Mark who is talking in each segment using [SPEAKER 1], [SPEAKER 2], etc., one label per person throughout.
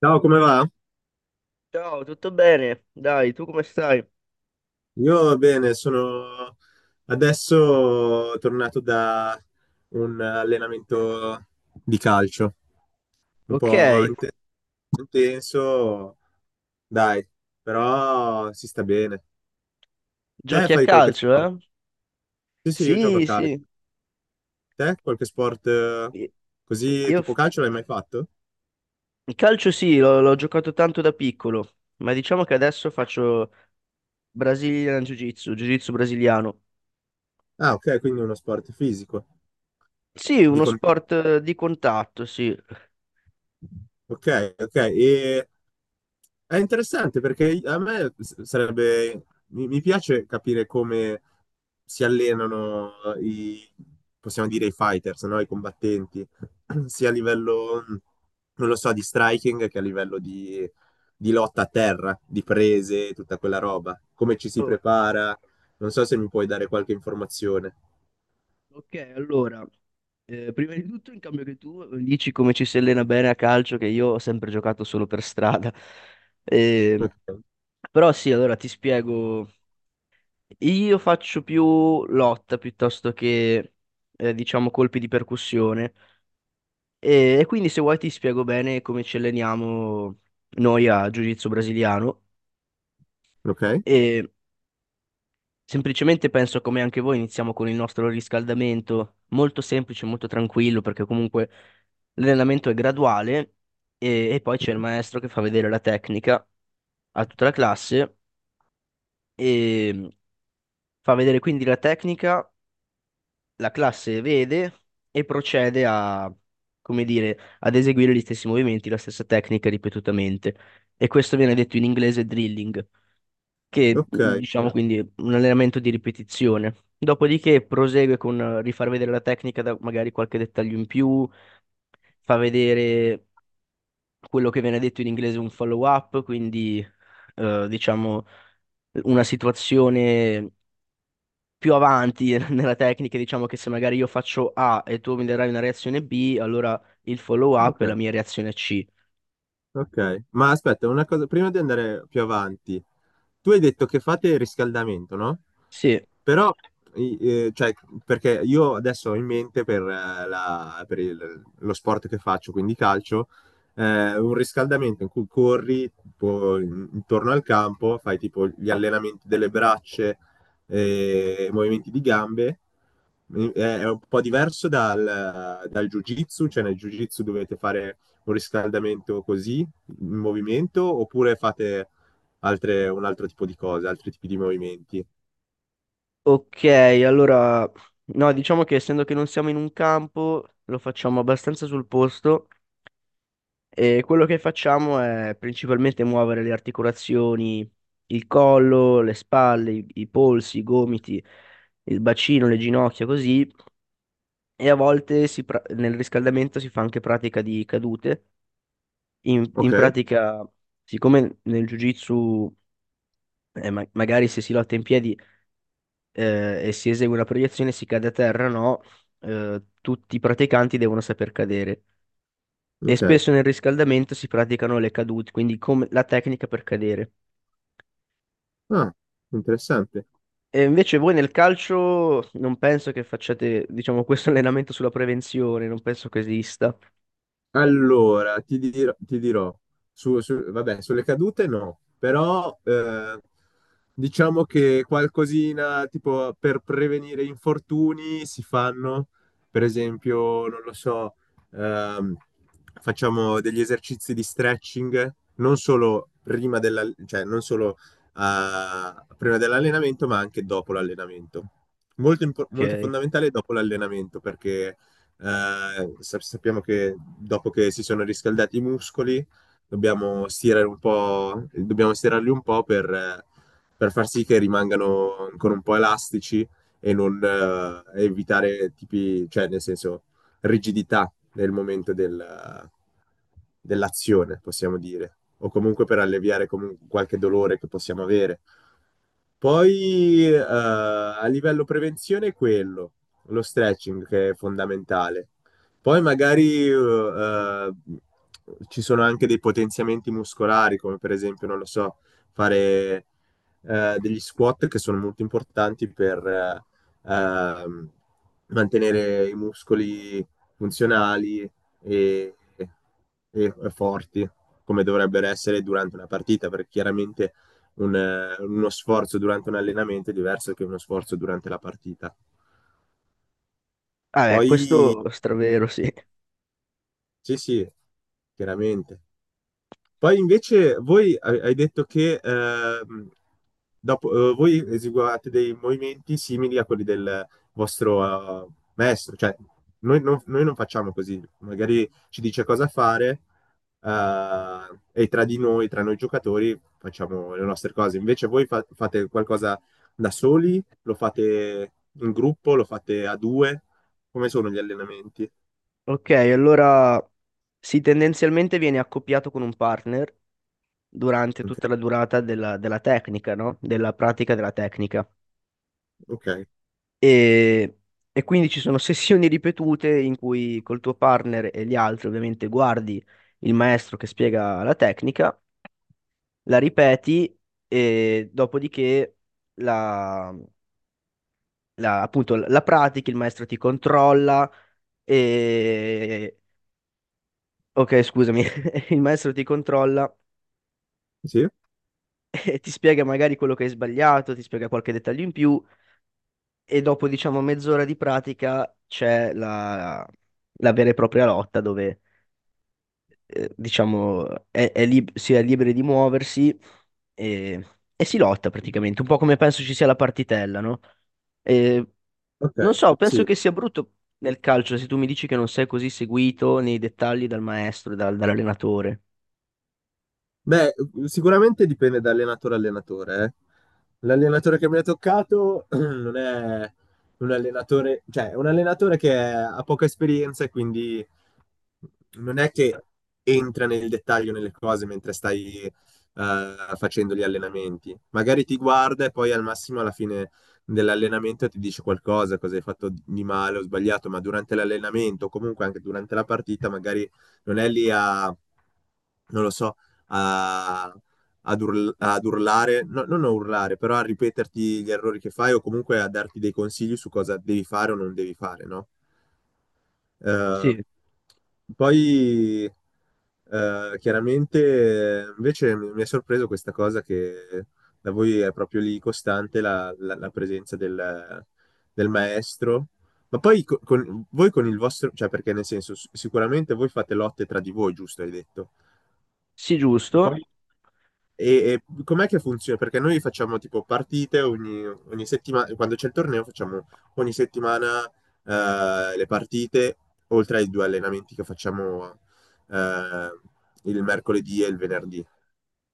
[SPEAKER 1] Ciao, come va?
[SPEAKER 2] Ciao, tutto bene? Dai, tu come stai?
[SPEAKER 1] Io bene, sono adesso tornato da un allenamento di calcio, un
[SPEAKER 2] Ok,
[SPEAKER 1] po' intenso, dai, però si sta bene. Te
[SPEAKER 2] giochi a
[SPEAKER 1] fai qualche
[SPEAKER 2] calcio,
[SPEAKER 1] sport?
[SPEAKER 2] eh?
[SPEAKER 1] Sì, sì, io gioco a
[SPEAKER 2] Sì,
[SPEAKER 1] calcio.
[SPEAKER 2] sì.
[SPEAKER 1] Te qualche sport
[SPEAKER 2] Io
[SPEAKER 1] così
[SPEAKER 2] io
[SPEAKER 1] tipo
[SPEAKER 2] f-
[SPEAKER 1] calcio l'hai mai fatto?
[SPEAKER 2] il calcio sì, l'ho giocato tanto da piccolo, ma diciamo che adesso faccio Brazilian Jiu-Jitsu, Jiu-Jitsu brasiliano.
[SPEAKER 1] Ah, ok, quindi uno sport fisico,
[SPEAKER 2] Sì,
[SPEAKER 1] di
[SPEAKER 2] uno
[SPEAKER 1] contatto.
[SPEAKER 2] sport di contatto, sì.
[SPEAKER 1] Ok, ok. È interessante perché a me sarebbe, mi piace capire come si allenano i, possiamo dire, i fighters, no? I combattenti, sia a livello, non lo so, di striking che a livello di lotta a terra, di prese, tutta quella roba. Come ci si
[SPEAKER 2] Oh,
[SPEAKER 1] prepara? Non so se mi puoi dare qualche informazione.
[SPEAKER 2] ok, allora, prima di tutto, in cambio che tu dici come ci si allena bene a calcio, che io ho sempre giocato solo per strada. Eh,
[SPEAKER 1] Ok,
[SPEAKER 2] Però sì, allora ti spiego. Io faccio più lotta piuttosto che, diciamo, colpi di percussione. E quindi se vuoi ti spiego bene come ci alleniamo noi a Jiu-Jitsu brasiliano.
[SPEAKER 1] ok,
[SPEAKER 2] E semplicemente penso come anche voi iniziamo con il nostro riscaldamento, molto semplice, molto tranquillo, perché comunque l'allenamento è graduale e poi c'è il maestro che fa vedere la tecnica a tutta la classe e fa vedere quindi la tecnica, la classe vede e procede a, come dire, ad eseguire gli stessi movimenti, la stessa tecnica ripetutamente. E questo viene detto in inglese drilling, che
[SPEAKER 1] ok,
[SPEAKER 2] diciamo, ah, quindi è un allenamento di ripetizione. Dopodiché prosegue con rifar vedere la tecnica da magari qualche dettaglio in più, fa vedere quello che viene detto in inglese un follow-up, quindi diciamo una situazione più avanti nella tecnica, diciamo che se magari io faccio A e tu mi darai una reazione B, allora il follow up
[SPEAKER 1] ok.
[SPEAKER 2] è la mia reazione C.
[SPEAKER 1] Ok, ma aspetta, una cosa, prima di andare più avanti, tu hai detto che fate il riscaldamento, no?
[SPEAKER 2] Sì,
[SPEAKER 1] Però, cioè, perché io adesso ho in mente per, per lo sport che faccio, quindi calcio, un riscaldamento in cui corri tipo, intorno al campo, fai tipo gli allenamenti delle braccia, e movimenti di gambe. È un po' diverso dal, dal jiu-jitsu, cioè nel jiu-jitsu dovete fare un riscaldamento così, in movimento oppure fate un altro tipo di cose, altri tipi di movimenti?
[SPEAKER 2] ok, allora no, diciamo che essendo che non siamo in un campo, lo facciamo abbastanza sul posto e quello che facciamo è principalmente muovere le articolazioni, il collo, le spalle, i polsi, i gomiti, il bacino, le ginocchia, così, e a volte nel riscaldamento si fa anche pratica di cadute. In
[SPEAKER 1] Ok,
[SPEAKER 2] pratica, siccome nel Jiu-Jitsu, magari se si lotta in piedi e si esegue una proiezione, si cade a terra, no, tutti i praticanti devono saper cadere. E
[SPEAKER 1] ok.
[SPEAKER 2] spesso nel riscaldamento si praticano le cadute, quindi come la tecnica per cadere.
[SPEAKER 1] Ah, interessante.
[SPEAKER 2] E invece voi nel calcio non penso che facciate, diciamo, questo allenamento sulla prevenzione, non penso che esista.
[SPEAKER 1] Allora, ti dirò, vabbè, sulle cadute no, però diciamo che qualcosina tipo per prevenire infortuni si fanno, per esempio, non lo so, ehm, facciamo degli esercizi di stretching, non solo prima della, cioè, non solo prima dell'allenamento, ma anche dopo l'allenamento. Molto
[SPEAKER 2] Ok.
[SPEAKER 1] fondamentale dopo l'allenamento, perché sappiamo che dopo che si sono riscaldati i muscoli, dobbiamo stirare un po', dobbiamo stirarli un po' per far sì che rimangano ancora un po' elastici e non evitare tipi, cioè nel senso rigidità nel momento dell'azione, possiamo dire, o comunque per alleviare qualche dolore che possiamo avere. Poi a livello prevenzione è quello lo stretching che è fondamentale. Poi magari eh, ci sono anche dei potenziamenti muscolari, come per esempio, non lo so, fare degli squat che sono molto importanti per ehm, mantenere i muscoli funzionali e, e forti, come dovrebbero essere durante una partita, perché chiaramente uno sforzo durante un allenamento è diverso che uno sforzo durante la partita.
[SPEAKER 2] Ah,
[SPEAKER 1] Poi,
[SPEAKER 2] questo è stravero, sì.
[SPEAKER 1] sì, sì, chiaramente. Poi invece voi hai detto che dopo, voi eseguivate dei movimenti simili a quelli del vostro maestro, cioè noi non facciamo così, magari ci dice cosa fare e tra di noi, tra noi giocatori, facciamo le nostre cose. Invece voi fate qualcosa da soli, lo fate in gruppo, lo fate a due, come sono gli allenamenti?
[SPEAKER 2] Ok, allora sì, tendenzialmente viene accoppiato con un partner durante
[SPEAKER 1] Ok,
[SPEAKER 2] tutta la durata della tecnica, no? Della pratica della tecnica.
[SPEAKER 1] ok.
[SPEAKER 2] E, e quindi ci sono sessioni ripetute in cui col tuo partner e gli altri ovviamente guardi il maestro che spiega la tecnica, la ripeti e dopodiché la, appunto la pratichi, il maestro ti controlla e... Ok, scusami, il maestro ti controlla
[SPEAKER 1] Sì?
[SPEAKER 2] e ti spiega magari quello che hai sbagliato, ti spiega qualche dettaglio in più e dopo diciamo mezz'ora di pratica c'è la vera e propria lotta dove diciamo si è liberi di muoversi e, e si lotta praticamente, un po' come penso ci sia la partitella, no? E
[SPEAKER 1] Ok,
[SPEAKER 2] non so, penso
[SPEAKER 1] sì.
[SPEAKER 2] che sia brutto nel calcio se tu mi dici che non sei così seguito nei dettagli dal maestro, dall'allenatore.
[SPEAKER 1] Beh, sicuramente dipende da allenatore a allenatore. Eh. L'allenatore che mi ha toccato non è un allenatore, cioè è un allenatore che ha poca esperienza e quindi non è che entra nel dettaglio nelle cose mentre stai facendo gli allenamenti. Magari ti guarda e poi al massimo alla fine dell'allenamento ti dice qualcosa, cosa hai fatto di male o sbagliato, ma durante l'allenamento o comunque anche durante la partita magari non è lì a, non lo so, a... Ad, ad urlare, no, non a urlare, però a ripeterti gli errori che fai o comunque a darti dei consigli su cosa devi fare o non devi fare, no? Eh,
[SPEAKER 2] Sì,
[SPEAKER 1] poi chiaramente invece mi è sorpreso questa cosa che da voi è proprio lì costante la presenza del, del maestro. Ma poi con, voi con il vostro, cioè perché nel senso, sicuramente voi fate lotte tra di voi, giusto, hai detto.
[SPEAKER 2] sì,
[SPEAKER 1] Poi
[SPEAKER 2] giusto.
[SPEAKER 1] e com'è che funziona? Perché noi facciamo tipo partite ogni, ogni settimana, quando c'è il torneo facciamo ogni settimana le partite, oltre ai due allenamenti che facciamo eh, il mercoledì e il venerdì.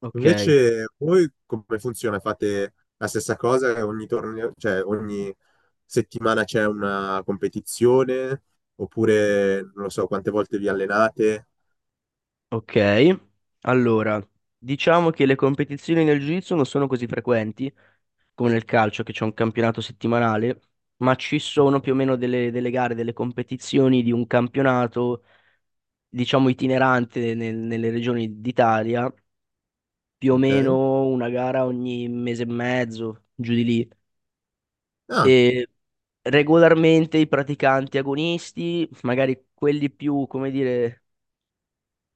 [SPEAKER 2] Ok,
[SPEAKER 1] Invece voi come funziona? Fate la stessa cosa? Ogni torneo, cioè ogni settimana c'è una competizione? Oppure non lo so quante volte vi allenate?
[SPEAKER 2] ok. Allora, diciamo che le competizioni nel jiu-jitsu non sono così frequenti come nel calcio, che c'è un campionato settimanale, ma ci sono più o meno delle gare, delle competizioni di un campionato, diciamo, itinerante nelle regioni d'Italia, più o
[SPEAKER 1] Ok?
[SPEAKER 2] meno una gara ogni mese e mezzo, giù di lì.
[SPEAKER 1] Ah,
[SPEAKER 2] E regolarmente i praticanti agonisti, magari quelli più, come dire,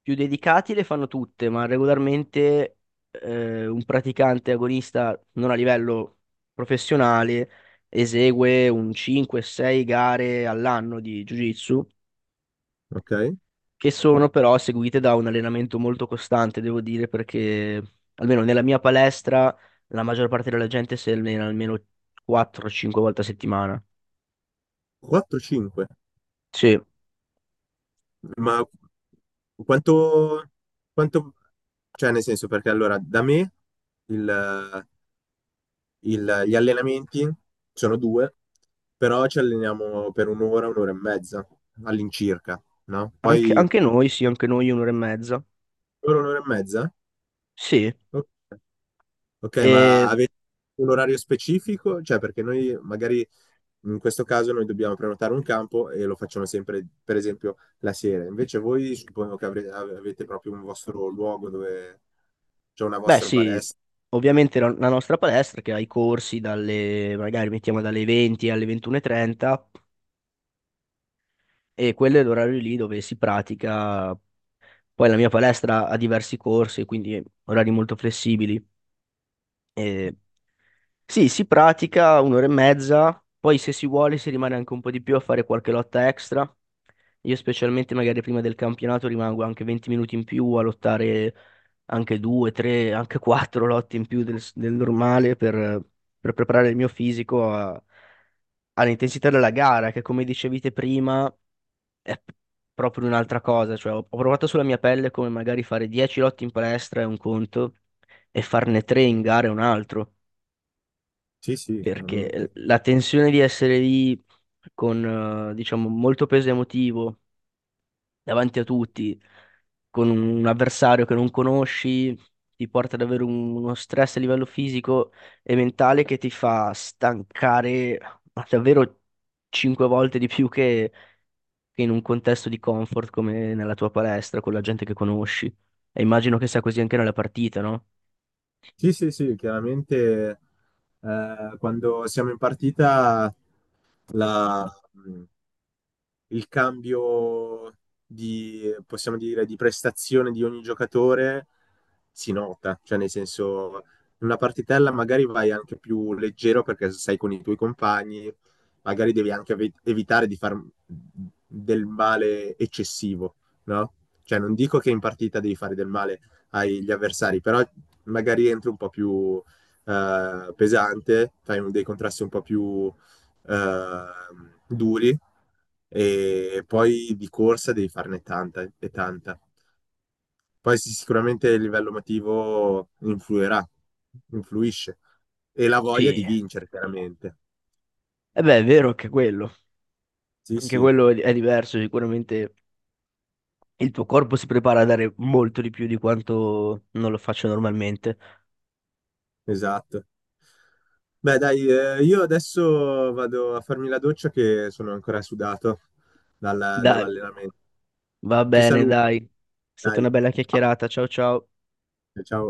[SPEAKER 2] più dedicati le fanno tutte, ma regolarmente un praticante agonista non a livello professionale esegue un 5-6 gare all'anno di Jiu-Jitsu,
[SPEAKER 1] ok.
[SPEAKER 2] che sono però seguite da un allenamento molto costante, devo dire, perché almeno nella mia palestra la maggior parte della gente si allena almeno 4-5 volte a settimana.
[SPEAKER 1] 4-5.
[SPEAKER 2] Sì,
[SPEAKER 1] Ma quanto, quanto, cioè nel senso, perché allora da me il- gli allenamenti sono due, però ci alleniamo per un'ora, un'ora e mezza all'incirca, no?
[SPEAKER 2] anche,
[SPEAKER 1] Poi
[SPEAKER 2] anche noi, sì, anche noi un'ora e mezza.
[SPEAKER 1] un'ora, un'ora e mezza?
[SPEAKER 2] Sì.
[SPEAKER 1] Ok. Ok, ma
[SPEAKER 2] E
[SPEAKER 1] avete un orario specifico? Cioè, perché noi magari in questo caso noi dobbiamo prenotare un campo e lo facciamo sempre, per esempio, la sera. Invece voi suppongo che avete proprio un vostro luogo dove c'è una
[SPEAKER 2] beh,
[SPEAKER 1] vostra
[SPEAKER 2] sì,
[SPEAKER 1] palestra.
[SPEAKER 2] ovviamente la nostra palestra che ha i corsi magari mettiamo dalle 20 alle 21:30 e trenta e quello è l'orario lì dove si pratica. Poi la mia palestra ha diversi corsi, quindi orari molto flessibili. E sì, si pratica un'ora e mezza, poi se si vuole si rimane anche un po' di più a fare qualche lotta extra. Io specialmente magari prima del campionato rimango anche 20 minuti in più a lottare anche due, tre, anche quattro lotte in più del normale per preparare il mio fisico all'intensità della gara, che come dicevi te prima è proprio un'altra cosa. Cioè, ho provato sulla mia pelle come magari fare 10 lotte in palestra è un conto e farne tre in gara è un altro
[SPEAKER 1] Sì, sì,
[SPEAKER 2] perché
[SPEAKER 1] chiaramente.
[SPEAKER 2] la tensione di essere lì con, diciamo, molto peso emotivo davanti a tutti, con un avversario che non conosci, ti porta ad avere uno stress a livello fisico e mentale che ti fa stancare ma davvero cinque volte di più che in un contesto di comfort come nella tua palestra, con la gente che conosci. E immagino che sia così anche nella partita, no?
[SPEAKER 1] Sì, sì, sì, chiaramente quando siamo in partita la, mm, il cambio di, possiamo dire, di prestazione di ogni giocatore si nota, cioè nel senso in una partitella magari vai anche più leggero perché sei con i tuoi compagni, magari devi anche evitare di far del male eccessivo, no? Cioè non dico che in partita devi fare del male agli avversari, però magari entri un po' più pesante, fai dei contrasti un po' più duri e poi di corsa devi farne tanta e tanta. Poi sì, sicuramente il livello emotivo influirà, influisce e la voglia
[SPEAKER 2] Sì.
[SPEAKER 1] di vincere, chiaramente.
[SPEAKER 2] E beh, è vero anche quello.
[SPEAKER 1] Sì,
[SPEAKER 2] Anche
[SPEAKER 1] sì,
[SPEAKER 2] quello è diverso, sicuramente il tuo corpo si prepara a dare molto di più di quanto non lo faccio normalmente.
[SPEAKER 1] esatto. Beh, dai, io adesso vado a farmi la doccia che sono ancora sudato
[SPEAKER 2] Dai,
[SPEAKER 1] dall'allenamento.
[SPEAKER 2] va
[SPEAKER 1] Ti
[SPEAKER 2] bene,
[SPEAKER 1] saluto.
[SPEAKER 2] dai. È stata
[SPEAKER 1] Dai,
[SPEAKER 2] una bella
[SPEAKER 1] ciao.
[SPEAKER 2] chiacchierata. Ciao ciao.
[SPEAKER 1] Ciao.